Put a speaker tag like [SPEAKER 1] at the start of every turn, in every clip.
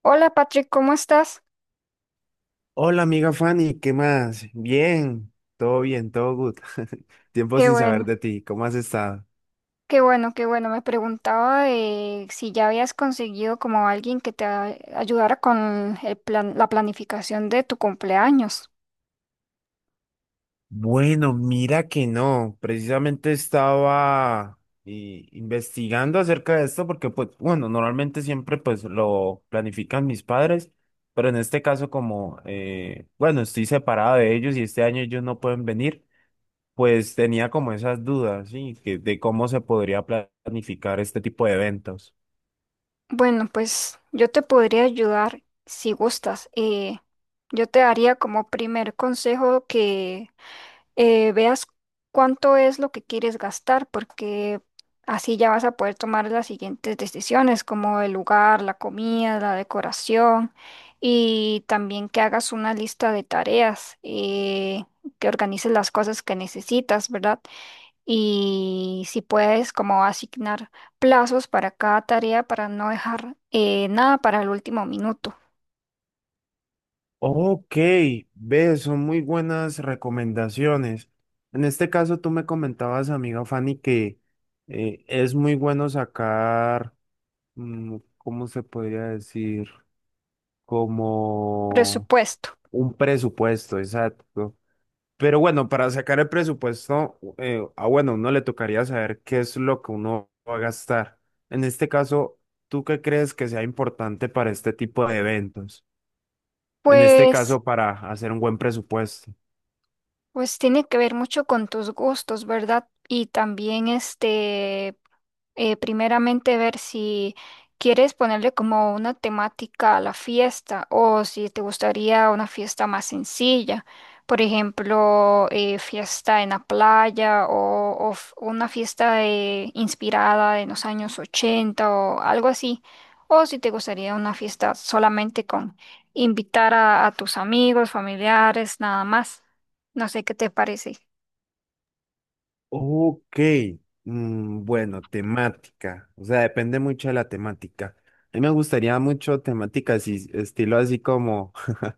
[SPEAKER 1] Hola Patrick, ¿cómo estás?
[SPEAKER 2] Hola amiga Fanny, ¿qué más? Bien, todo good. Tiempo
[SPEAKER 1] Qué
[SPEAKER 2] sin saber
[SPEAKER 1] bueno,
[SPEAKER 2] de ti, ¿cómo has estado?
[SPEAKER 1] qué bueno, qué bueno. Me preguntaba de si ya habías conseguido como alguien que te ayudara con el plan, la planificación de tu cumpleaños.
[SPEAKER 2] Bueno, mira que no, precisamente estaba investigando acerca de esto porque pues bueno, normalmente siempre pues lo planifican mis padres, pero en este caso como bueno, estoy separado de ellos y este año ellos no pueden venir, pues tenía como esas dudas, ¿sí? Que, de cómo se podría planificar este tipo de eventos.
[SPEAKER 1] Bueno, pues yo te podría ayudar si gustas. Yo te daría como primer consejo veas cuánto es lo que quieres gastar, porque así ya vas a poder tomar las siguientes decisiones, como el lugar, la comida, la decoración, y también que hagas una lista de tareas, que organices las cosas que necesitas, ¿verdad? Y si puedes, como asignar plazos para cada tarea para no dejar nada para el último minuto.
[SPEAKER 2] Ok, ves, son muy buenas recomendaciones. En este caso, tú me comentabas, amiga Fanny, que es muy bueno sacar, ¿cómo se podría decir? Como
[SPEAKER 1] Presupuesto.
[SPEAKER 2] un presupuesto, exacto. Pero bueno, para sacar el presupuesto, bueno, uno le tocaría saber qué es lo que uno va a gastar. En este caso, ¿tú qué crees que sea importante para este tipo de eventos? En este
[SPEAKER 1] Pues
[SPEAKER 2] caso, para hacer un buen presupuesto.
[SPEAKER 1] Pues tiene que ver mucho con tus gustos, ¿verdad? Y también este, primeramente ver si quieres ponerle como una temática a la fiesta o si te gustaría una fiesta más sencilla, por ejemplo, fiesta en la playa o una fiesta inspirada en los años 80 o algo así, o si te gustaría una fiesta solamente con invitar a tus amigos, familiares, nada más. No sé qué te parece.
[SPEAKER 2] Ok, bueno, temática, o sea, depende mucho de la temática. A mí me gustaría mucho temáticas y estilo así como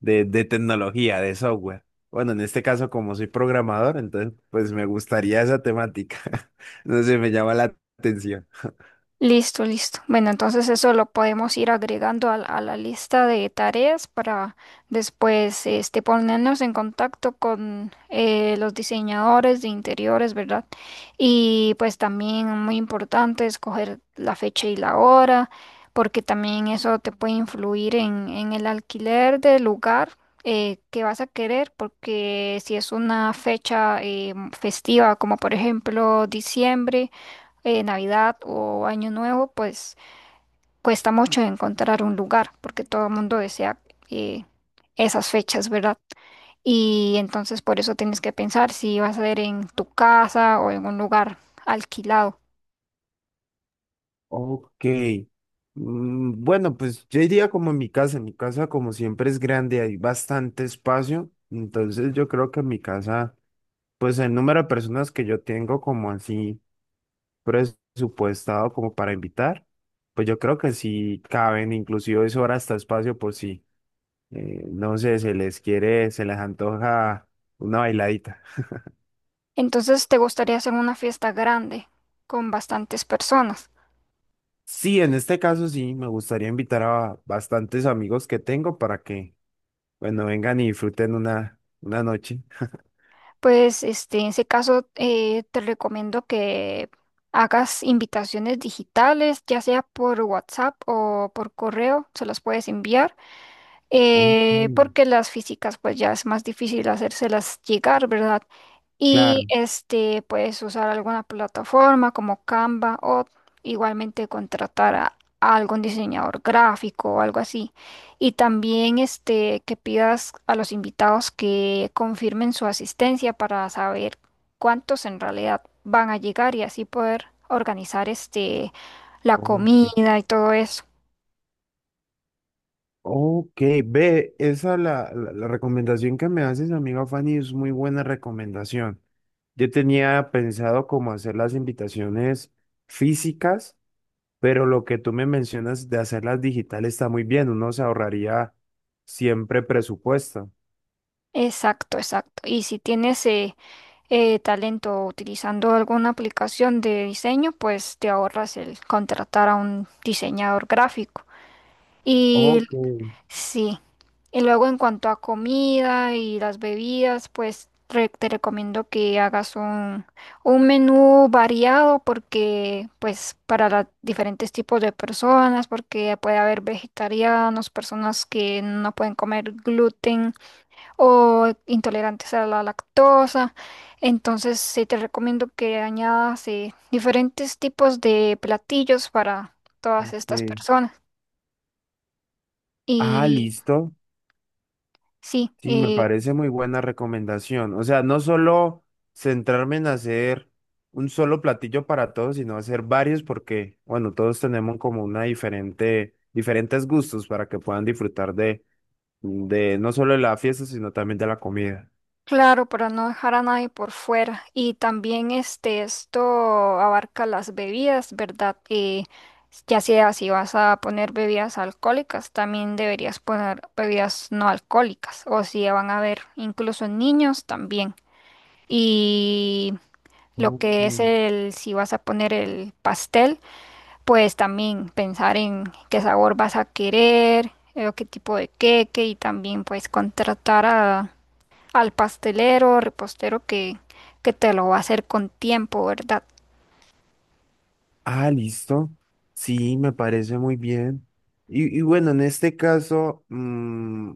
[SPEAKER 2] de tecnología, de software. Bueno, en este caso, como soy programador, entonces pues me gustaría esa temática. No sé, me llama la atención.
[SPEAKER 1] Listo, listo. Bueno, entonces eso lo podemos ir agregando a la lista de tareas para después este, ponernos en contacto con los diseñadores de interiores, ¿verdad? Y pues también muy importante escoger la fecha y la hora, porque también eso te puede influir en el alquiler del lugar que vas a querer, porque si es una fecha festiva, como por ejemplo diciembre, Navidad o Año Nuevo, pues cuesta mucho encontrar un lugar porque todo el mundo desea eh, esas fechas, ¿verdad? Y entonces por eso tienes que pensar si vas a ser en tu casa o en un lugar alquilado.
[SPEAKER 2] Ok, bueno, pues yo diría como en mi casa como siempre es grande, hay bastante espacio, entonces yo creo que en mi casa. Pues el número de personas que yo tengo como así presupuestado como para invitar, pues yo creo que sí caben, inclusive sobra hasta espacio por si, no sé, se les quiere, se les antoja una bailadita.
[SPEAKER 1] Entonces te gustaría hacer una fiesta grande con bastantes personas.
[SPEAKER 2] Sí, en este caso sí, me gustaría invitar a bastantes amigos que tengo para que, bueno, vengan y disfruten una noche.
[SPEAKER 1] Pues este, en ese caso te recomiendo que hagas invitaciones digitales, ya sea por WhatsApp o por correo, se las puedes enviar
[SPEAKER 2] Ok,
[SPEAKER 1] porque las físicas pues ya es más difícil hacérselas llegar, ¿verdad? Y
[SPEAKER 2] claro.
[SPEAKER 1] este puedes usar alguna plataforma como Canva o igualmente contratar a algún diseñador gráfico o algo así. Y también este que pidas a los invitados que confirmen su asistencia para saber cuántos en realidad van a llegar y así poder organizar este la
[SPEAKER 2] Ok.
[SPEAKER 1] comida y todo eso.
[SPEAKER 2] Ok, ve, esa la recomendación que me haces, amiga Fanny, es muy buena recomendación. Yo tenía pensado cómo hacer las invitaciones físicas, pero lo que tú me mencionas de hacerlas digitales está muy bien, uno se ahorraría siempre presupuesto.
[SPEAKER 1] Exacto, exacto. Y si tienes talento utilizando alguna aplicación de diseño, pues te ahorras el contratar a un diseñador gráfico. Y
[SPEAKER 2] Ok,
[SPEAKER 1] sí, y luego en cuanto a comida y las bebidas, pues te recomiendo que hagas un menú variado porque pues para los diferentes tipos de personas, porque puede haber vegetarianos, personas que no pueden comer gluten o intolerantes a la lactosa. Entonces, sí te recomiendo que añadas diferentes tipos de platillos para todas estas
[SPEAKER 2] ok.
[SPEAKER 1] personas.
[SPEAKER 2] Ah,
[SPEAKER 1] Y
[SPEAKER 2] listo.
[SPEAKER 1] sí,
[SPEAKER 2] Sí, me parece muy buena recomendación. O sea, no solo centrarme en hacer un solo platillo para todos, sino hacer varios porque, bueno, todos tenemos como una diferente, diferentes gustos para que puedan disfrutar de no solo de la fiesta, sino también de la comida.
[SPEAKER 1] claro, para no dejar a nadie por fuera. Y también este, esto abarca las bebidas, ¿verdad? Ya sea si vas a poner bebidas alcohólicas, también deberías poner bebidas no alcohólicas. O si van a haber incluso niños también. Y lo
[SPEAKER 2] Ok.
[SPEAKER 1] que es el, si vas a poner el pastel, pues también pensar en qué sabor vas a querer, o qué tipo de queque y también pues contratar al pastelero o repostero que te lo va a hacer con tiempo, ¿verdad?
[SPEAKER 2] Ah, listo. Sí, me parece muy bien. Y bueno, en este caso,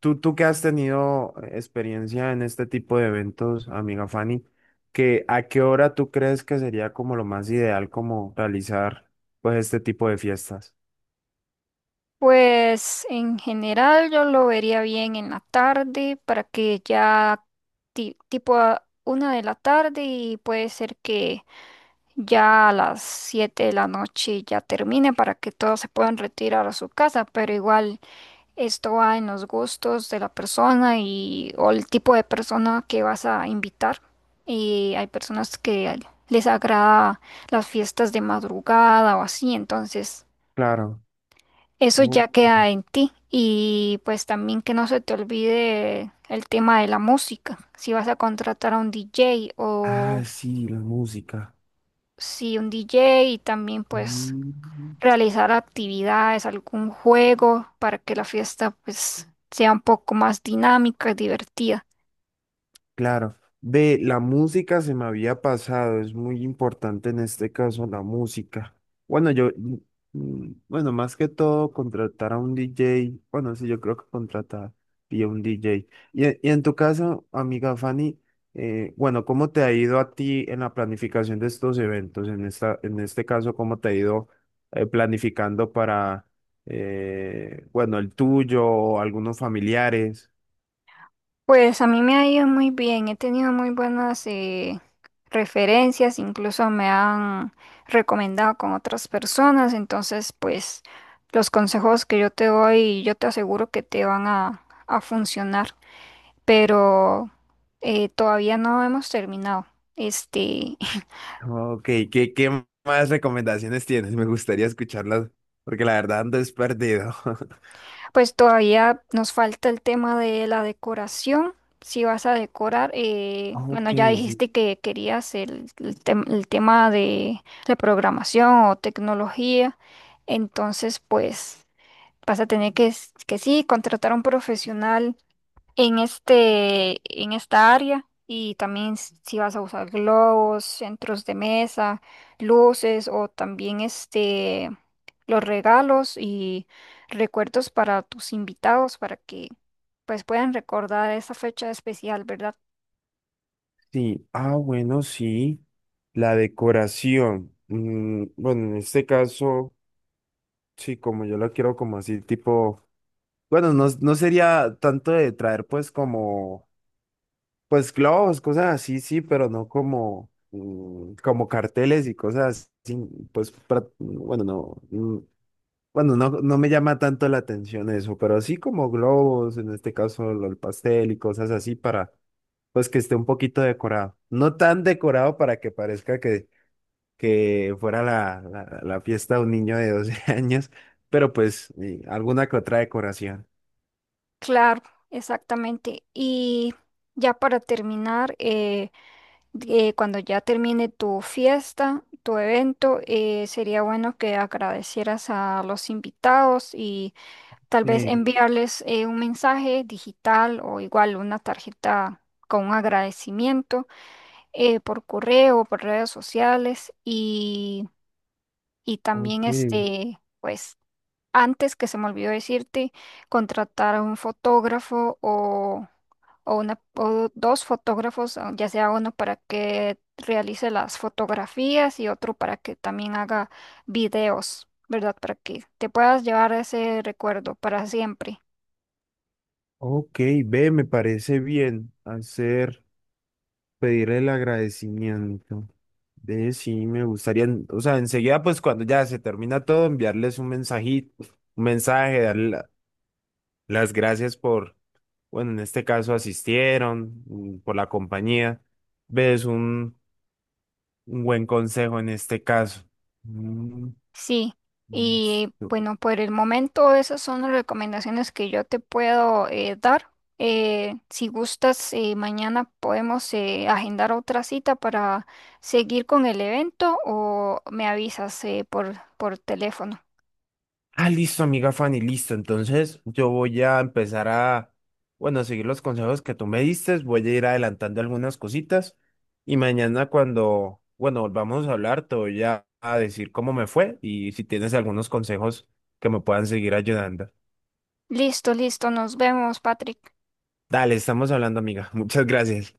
[SPEAKER 2] Tú que has tenido experiencia en este tipo de eventos, amiga Fanny, que ¿a qué hora tú crees que sería como lo más ideal como realizar pues este tipo de fiestas?
[SPEAKER 1] Pues en general yo lo vería bien en la tarde para que ya tipo a una de la tarde y puede ser que ya a las 7 de la noche ya termine para que todos se puedan retirar a su casa, pero igual esto va en los gustos de la persona y o el tipo de persona que vas a invitar. Y hay personas que les agrada las fiestas de madrugada o así, entonces
[SPEAKER 2] Claro.
[SPEAKER 1] eso
[SPEAKER 2] Oh.
[SPEAKER 1] ya queda en ti. Y pues también que no se te olvide el tema de la música, si vas a contratar a un DJ
[SPEAKER 2] Ah,
[SPEAKER 1] o
[SPEAKER 2] sí, la música.
[SPEAKER 1] si un DJ y también pues
[SPEAKER 2] Mm.
[SPEAKER 1] realizar actividades, algún juego para que la fiesta pues sea un poco más dinámica y divertida.
[SPEAKER 2] Claro, ve, la música se me había pasado, es muy importante en este caso la música. Bueno, yo, bueno, más que todo contratar a un DJ, bueno, sí, yo creo que contratar y a un DJ. Y, y en tu caso, amiga Fanny, bueno, ¿cómo te ha ido a ti en la planificación de estos eventos? En esta, en este caso, ¿cómo te ha ido planificando para, bueno, el tuyo o algunos familiares?
[SPEAKER 1] Pues a mí me ha ido muy bien, he tenido muy buenas referencias, incluso me han recomendado con otras personas, entonces pues los consejos que yo te doy, yo te aseguro que te van a funcionar, pero todavía no hemos terminado. Este,
[SPEAKER 2] Ok, ¿qué, qué más recomendaciones tienes? Me gustaría escucharlas porque la verdad ando es perdido.
[SPEAKER 1] pues todavía nos falta el tema de la decoración. Si vas a decorar, bueno,
[SPEAKER 2] Ok,
[SPEAKER 1] ya
[SPEAKER 2] sí,
[SPEAKER 1] dijiste que querías el el tema de, la programación o tecnología. Entonces, pues vas a tener que sí, contratar a un profesional en este, en esta área y también s- si vas a usar globos, centros de mesa, luces o también este, los regalos y recuerdos para tus invitados para que pues puedan recordar esa fecha especial, ¿verdad?
[SPEAKER 2] sí. Ah, bueno, sí. La decoración. Bueno, en este caso, sí, como yo la quiero como así, tipo, bueno, no, no sería tanto de traer pues como, pues globos, cosas así, sí, pero no como, como carteles y cosas así, pues, bueno, no. Bueno, no, no me llama tanto la atención eso, pero así como globos, en este caso el pastel y cosas así para, pues que esté un poquito decorado. No tan decorado para que parezca que fuera la fiesta de un niño de 12 años, pero pues alguna que otra decoración.
[SPEAKER 1] Claro, exactamente. Y ya para terminar, cuando ya termine tu fiesta, tu evento, sería bueno que agradecieras a los invitados y tal vez
[SPEAKER 2] Sí,
[SPEAKER 1] enviarles un mensaje digital o igual una tarjeta con un agradecimiento por correo, por redes sociales y también
[SPEAKER 2] ok,
[SPEAKER 1] este, pues antes que se me olvidó decirte, contratar a un fotógrafo o una, o dos fotógrafos, ya sea uno para que realice las fotografías y otro para que también haga videos, ¿verdad? Para que te puedas llevar ese recuerdo para siempre.
[SPEAKER 2] ok, ve, me parece bien hacer. Pedirle el agradecimiento. De sí, me gustaría, en, o sea, enseguida, pues cuando ya se termina todo, enviarles un mensajito, un mensaje, darle la, las gracias por, bueno, en este caso asistieron, por la compañía. Ves un buen consejo en este caso. Mm,
[SPEAKER 1] Sí, y
[SPEAKER 2] listo.
[SPEAKER 1] bueno, por el momento esas son las recomendaciones que yo te puedo dar. Si gustas, mañana podemos agendar otra cita para seguir con el evento o me avisas por teléfono.
[SPEAKER 2] Ah, listo, amiga Fanny, listo. Entonces yo voy a empezar a, bueno, a seguir los consejos que tú me diste. Voy a ir adelantando algunas cositas. Y mañana cuando, bueno, volvamos a hablar, te voy a decir cómo me fue y si tienes algunos consejos que me puedan seguir ayudando.
[SPEAKER 1] Listo, listo, nos vemos, Patrick.
[SPEAKER 2] Dale, estamos hablando, amiga. Muchas gracias.